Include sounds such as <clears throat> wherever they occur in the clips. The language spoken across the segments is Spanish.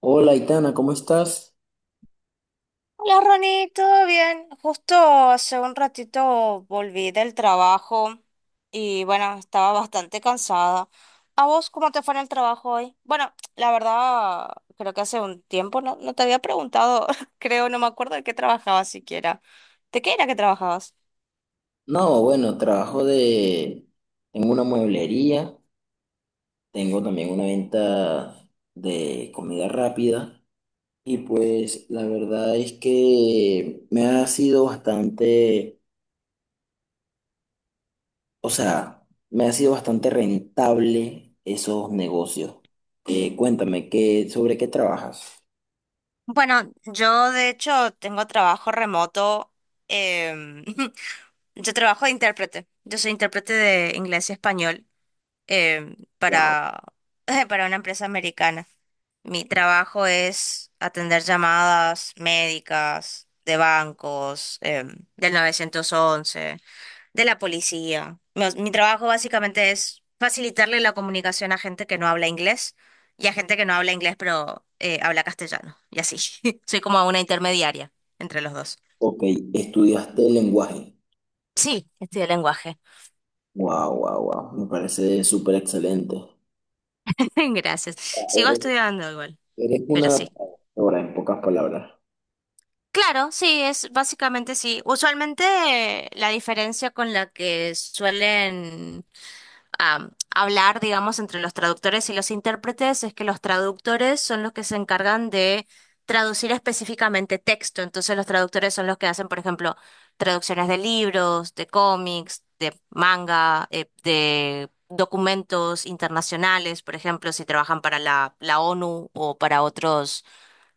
Hola, Itana, ¿cómo estás? Hola Ronnie, ¿todo bien? Justo hace un ratito volví del trabajo y bueno, estaba bastante cansada. ¿A vos cómo te fue en el trabajo hoy? Bueno, la verdad, creo que hace un tiempo no te había preguntado, <laughs> creo, no me acuerdo de qué trabajabas siquiera. ¿De qué era que trabajabas? No, bueno, trabajo de... Tengo una mueblería, tengo también una venta de comida rápida y pues la verdad es que me ha sido bastante, o sea, me ha sido bastante rentable esos negocios. Cuéntame, ¿sobre qué trabajas? Bueno, yo de hecho tengo trabajo remoto. em, <laughs> yo trabajo de intérprete. Yo soy intérprete de inglés y español. Wow, Para, <laughs> para una empresa americana. Mi trabajo es atender llamadas médicas, de bancos, del 911, de la policía. Mi trabajo básicamente es facilitarle la comunicación a gente que no habla inglés y a gente que no habla inglés pero habla castellano. Y así. <laughs> Soy como una intermediaria entre los dos. ok, estudiaste lenguaje. Sí, estudio lenguaje. Wow, wow, wow, me parece súper excelente. <laughs> Gracias. Sigo estudiando igual, Eres pero una sí. ahora en pocas palabras. Claro, sí, es básicamente sí. Usualmente la diferencia con la que suelen hablar, digamos, entre los traductores y los intérpretes es que los traductores son los que se encargan de traducir específicamente texto. Entonces los traductores son los que hacen, por ejemplo, traducciones de libros, de cómics, de manga, de documentos internacionales, por ejemplo, si trabajan para la ONU o para otros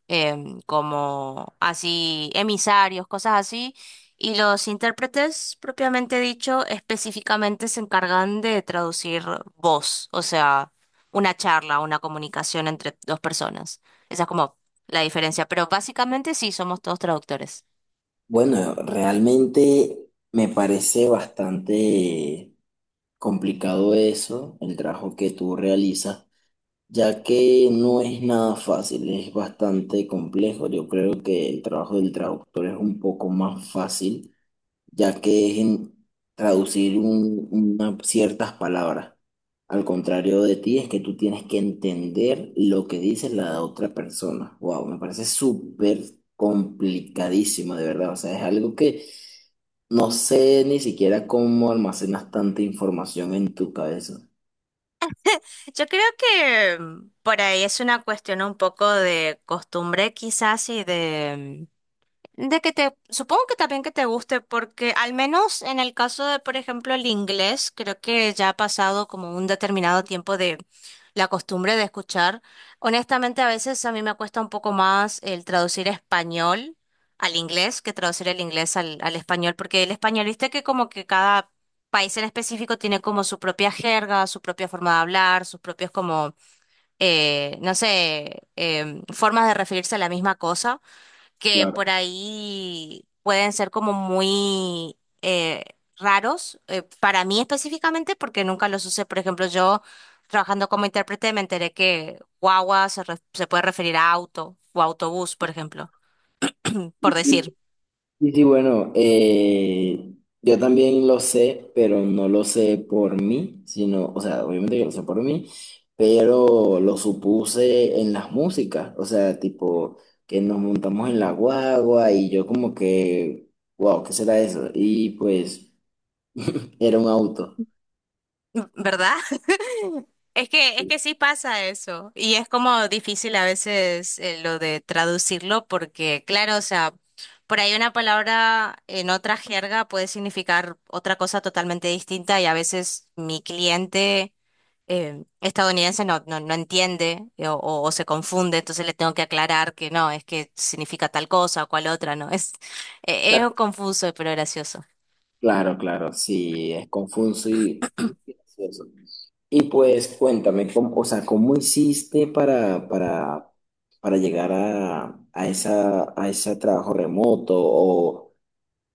como así emisarios, cosas así, y los intérpretes, propiamente dicho, específicamente se encargan de traducir voz, o sea, una charla, una comunicación entre dos personas. Esa es como la diferencia, pero básicamente sí, somos todos traductores. Bueno, realmente me parece bastante complicado eso, el trabajo que tú realizas, ya que no es nada fácil, es bastante complejo. Yo creo que el trabajo del traductor es un poco más fácil, ya que es en traducir ciertas palabras. Al contrario de ti, es que tú tienes que entender lo que dice la otra persona. Wow, me parece súper complicadísimo, de verdad. O sea, es algo que no sé ni siquiera cómo almacenas tanta información en tu cabeza. Yo creo que por ahí es una cuestión un poco de costumbre quizás y de... De que te, supongo que también que te guste, porque al menos en el caso de, por ejemplo, el inglés, creo que ya ha pasado como un determinado tiempo de la costumbre de escuchar. Honestamente, a veces a mí me cuesta un poco más el traducir español al inglés que traducir el inglés al, al español, porque el español, viste que como que cada país en específico tiene como su propia jerga, su propia forma de hablar, sus propios como, no sé, formas de referirse a la misma cosa que Claro. por ahí pueden ser como muy raros, para mí específicamente, porque nunca los usé. Por ejemplo, yo trabajando como intérprete me enteré que guagua se, re- se puede referir a auto o autobús, por ejemplo, por decir, Sí, sí, bueno, yo también lo sé, pero no lo sé por mí, sino, o sea, obviamente que lo sé por mí, pero lo supuse en las músicas, o sea, tipo que nos montamos en la guagua y yo como que, wow, ¿qué será eso? Y pues era un auto. ¿verdad? Es que sí pasa eso. Y es como difícil a veces lo de traducirlo porque, claro, o sea, por ahí una palabra en otra jerga puede significar otra cosa totalmente distinta y a veces mi cliente estadounidense no entiende o se confunde, entonces le tengo que aclarar que no, es que significa tal cosa o cual otra, ¿no? <laughs> Es confuso, pero gracioso. Claro, claro, sí, es confuso y gracioso. Y pues cuéntame, ¿cómo, o sea, cómo hiciste para llegar a esa, a ese trabajo remoto? O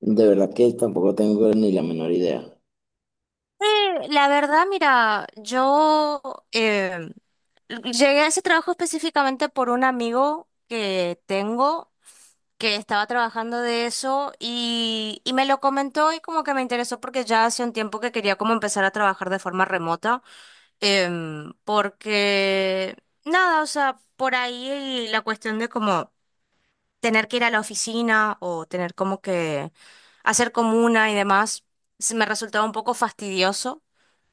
de verdad que tampoco tengo ni la menor idea. La verdad, mira, yo... Llegué a ese trabajo específicamente por un amigo que tengo que estaba trabajando de eso y me lo comentó y como que me interesó porque ya hace un tiempo que quería como empezar a trabajar de forma remota, porque nada, o sea, por ahí la cuestión de como tener que ir a la oficina o tener como que hacer comuna y demás, se me resultaba un poco fastidioso.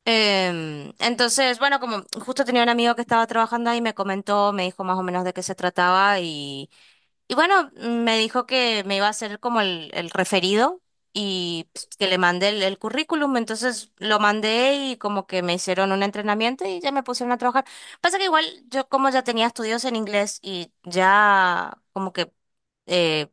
Entonces, bueno, como justo tenía un amigo que estaba trabajando ahí, me comentó, me dijo más o menos de qué se trataba y bueno, me dijo que me iba a hacer como el referido y pues, que le mandé el currículum. Entonces lo mandé y como que me hicieron un entrenamiento y ya me pusieron a trabajar. Pasa que igual yo como ya tenía estudios en inglés y ya como que eh,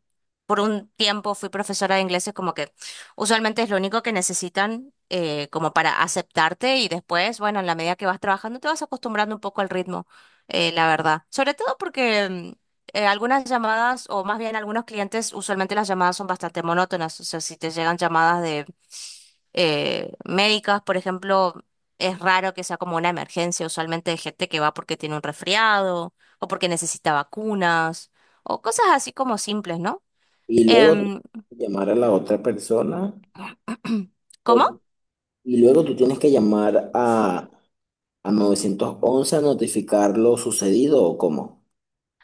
por un tiempo fui profesora de inglés, es como que usualmente es lo único que necesitan como para aceptarte y después, bueno, en la medida que vas trabajando te vas acostumbrando un poco al ritmo, la verdad. Sobre todo porque algunas llamadas, o más bien algunos clientes, usualmente las llamadas son bastante monótonas. O sea, si te llegan llamadas de médicas, por ejemplo, es raro que sea como una emergencia. Usualmente hay gente que va porque tiene un resfriado, o porque necesita vacunas, o cosas así como simples, ¿no? Y luego tú tienes Em, que llamar a la otra persona, <clears throat> ¿cómo? o- y luego tú tienes que llamar a 911 a notificar lo sucedido, ¿o cómo?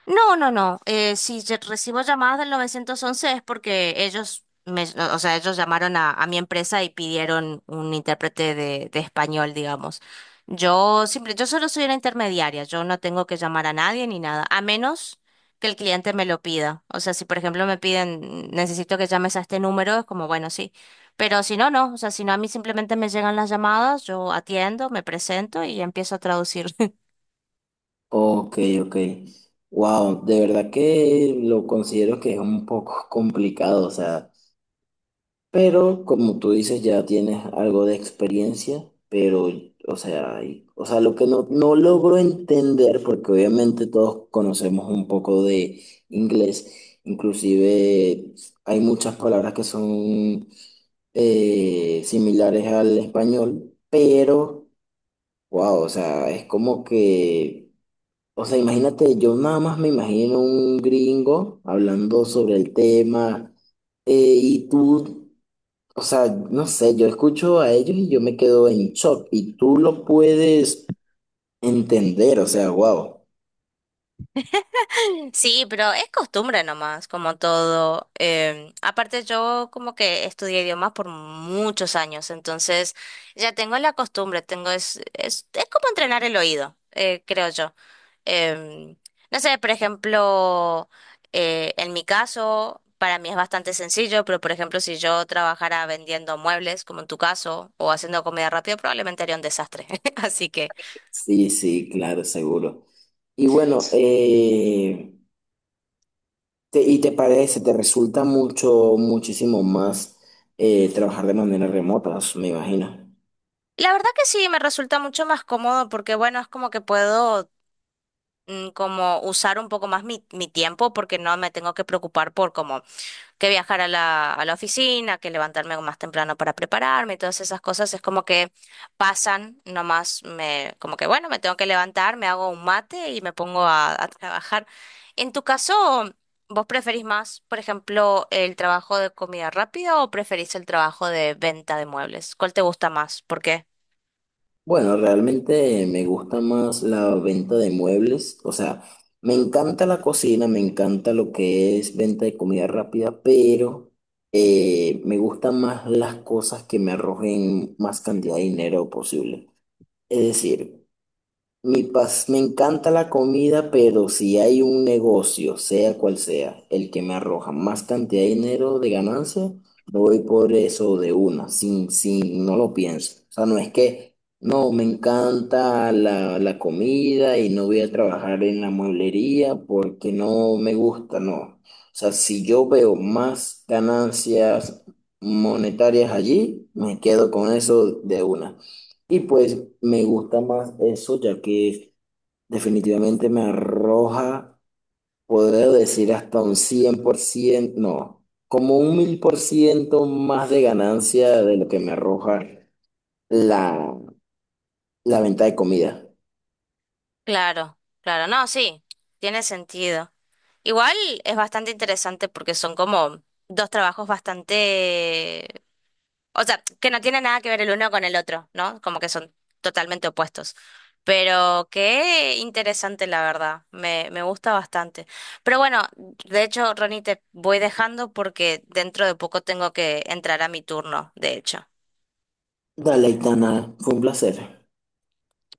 No, no, no. Si yo recibo llamadas del 911 es porque ellos, me, o sea, ellos llamaron a mi empresa y pidieron un intérprete de español, digamos. Yo simple, yo solo soy una intermediaria. Yo no tengo que llamar a nadie ni nada, a menos que el cliente me lo pida. O sea, si por ejemplo me piden, necesito que llames a este número, es como, bueno, sí. Pero si no, no. O sea, si no, a mí simplemente me llegan las llamadas, yo atiendo, me presento y empiezo a traducir. Ok, ok. Wow, de verdad que lo considero que es un poco complicado, o sea, pero como tú dices, ya tienes algo de experiencia, pero, o sea, o sea, lo que no logro entender, porque obviamente todos conocemos un poco de inglés, inclusive hay muchas palabras que son similares al español, pero, wow, o sea, es como que... O sea, imagínate, yo nada más me imagino un gringo hablando sobre el tema eh, y tú, o sea, no sé, yo escucho a ellos y yo me quedo en shock y tú lo puedes entender, o sea, wow. Sí, pero es costumbre nomás, como todo. Aparte yo como que estudié idiomas por muchos años, entonces ya tengo la costumbre, tengo es como entrenar el oído, creo yo. Em, no sé, por ejemplo, en mi caso, para mí es bastante sencillo, pero por ejemplo, si yo trabajara vendiendo muebles, como en tu caso, o haciendo comida rápida, probablemente haría un desastre. <laughs> Así que... Sí, sí, claro, seguro. Y bueno, ¿y te parece, te resulta mucho, muchísimo más trabajar de manera remota, me imagino? La verdad que sí, me resulta mucho más cómodo porque, bueno, es como que puedo como usar un poco más mi tiempo porque no me tengo que preocupar por como que viajar a la oficina, que levantarme más temprano para prepararme, y todas esas cosas es como que pasan, nomás me, como que bueno, me tengo que levantar, me hago un mate y me pongo a trabajar. En tu caso, ¿vos preferís más, por ejemplo, el trabajo de comida rápida o preferís el trabajo de venta de muebles? ¿Cuál te gusta más? ¿Por qué? Bueno, realmente me gusta más la venta de muebles, o sea, me encanta la cocina, me encanta lo que es venta de comida rápida, pero me gustan más las cosas que me arrojen más cantidad de dinero posible. Es decir, mi pas, me encanta la comida, pero si hay un negocio, sea cual sea, el que me arroja más cantidad de dinero de ganancia, me voy por eso de una, sin, sin, no lo pienso. O sea, no es que, no, me encanta la, la comida y no voy a trabajar en la mueblería porque no me gusta, no. O sea, si yo veo más ganancias monetarias allí, me quedo con eso de una. Y pues me gusta más eso, ya que definitivamente me arroja, podría decir hasta un 100% no, como un 1000% más de ganancia de lo que me arroja la, la venta de comida. Claro, claro, no, sí, tiene sentido. Igual es bastante interesante porque son como dos trabajos bastante, o sea, que no tienen nada que ver el uno con el otro, ¿no? Como que son totalmente opuestos. Pero qué interesante, la verdad, me gusta bastante. Pero bueno, de hecho, Ronnie, te voy dejando porque dentro de poco tengo que entrar a mi turno, de hecho. Dale, Itana, fue un placer.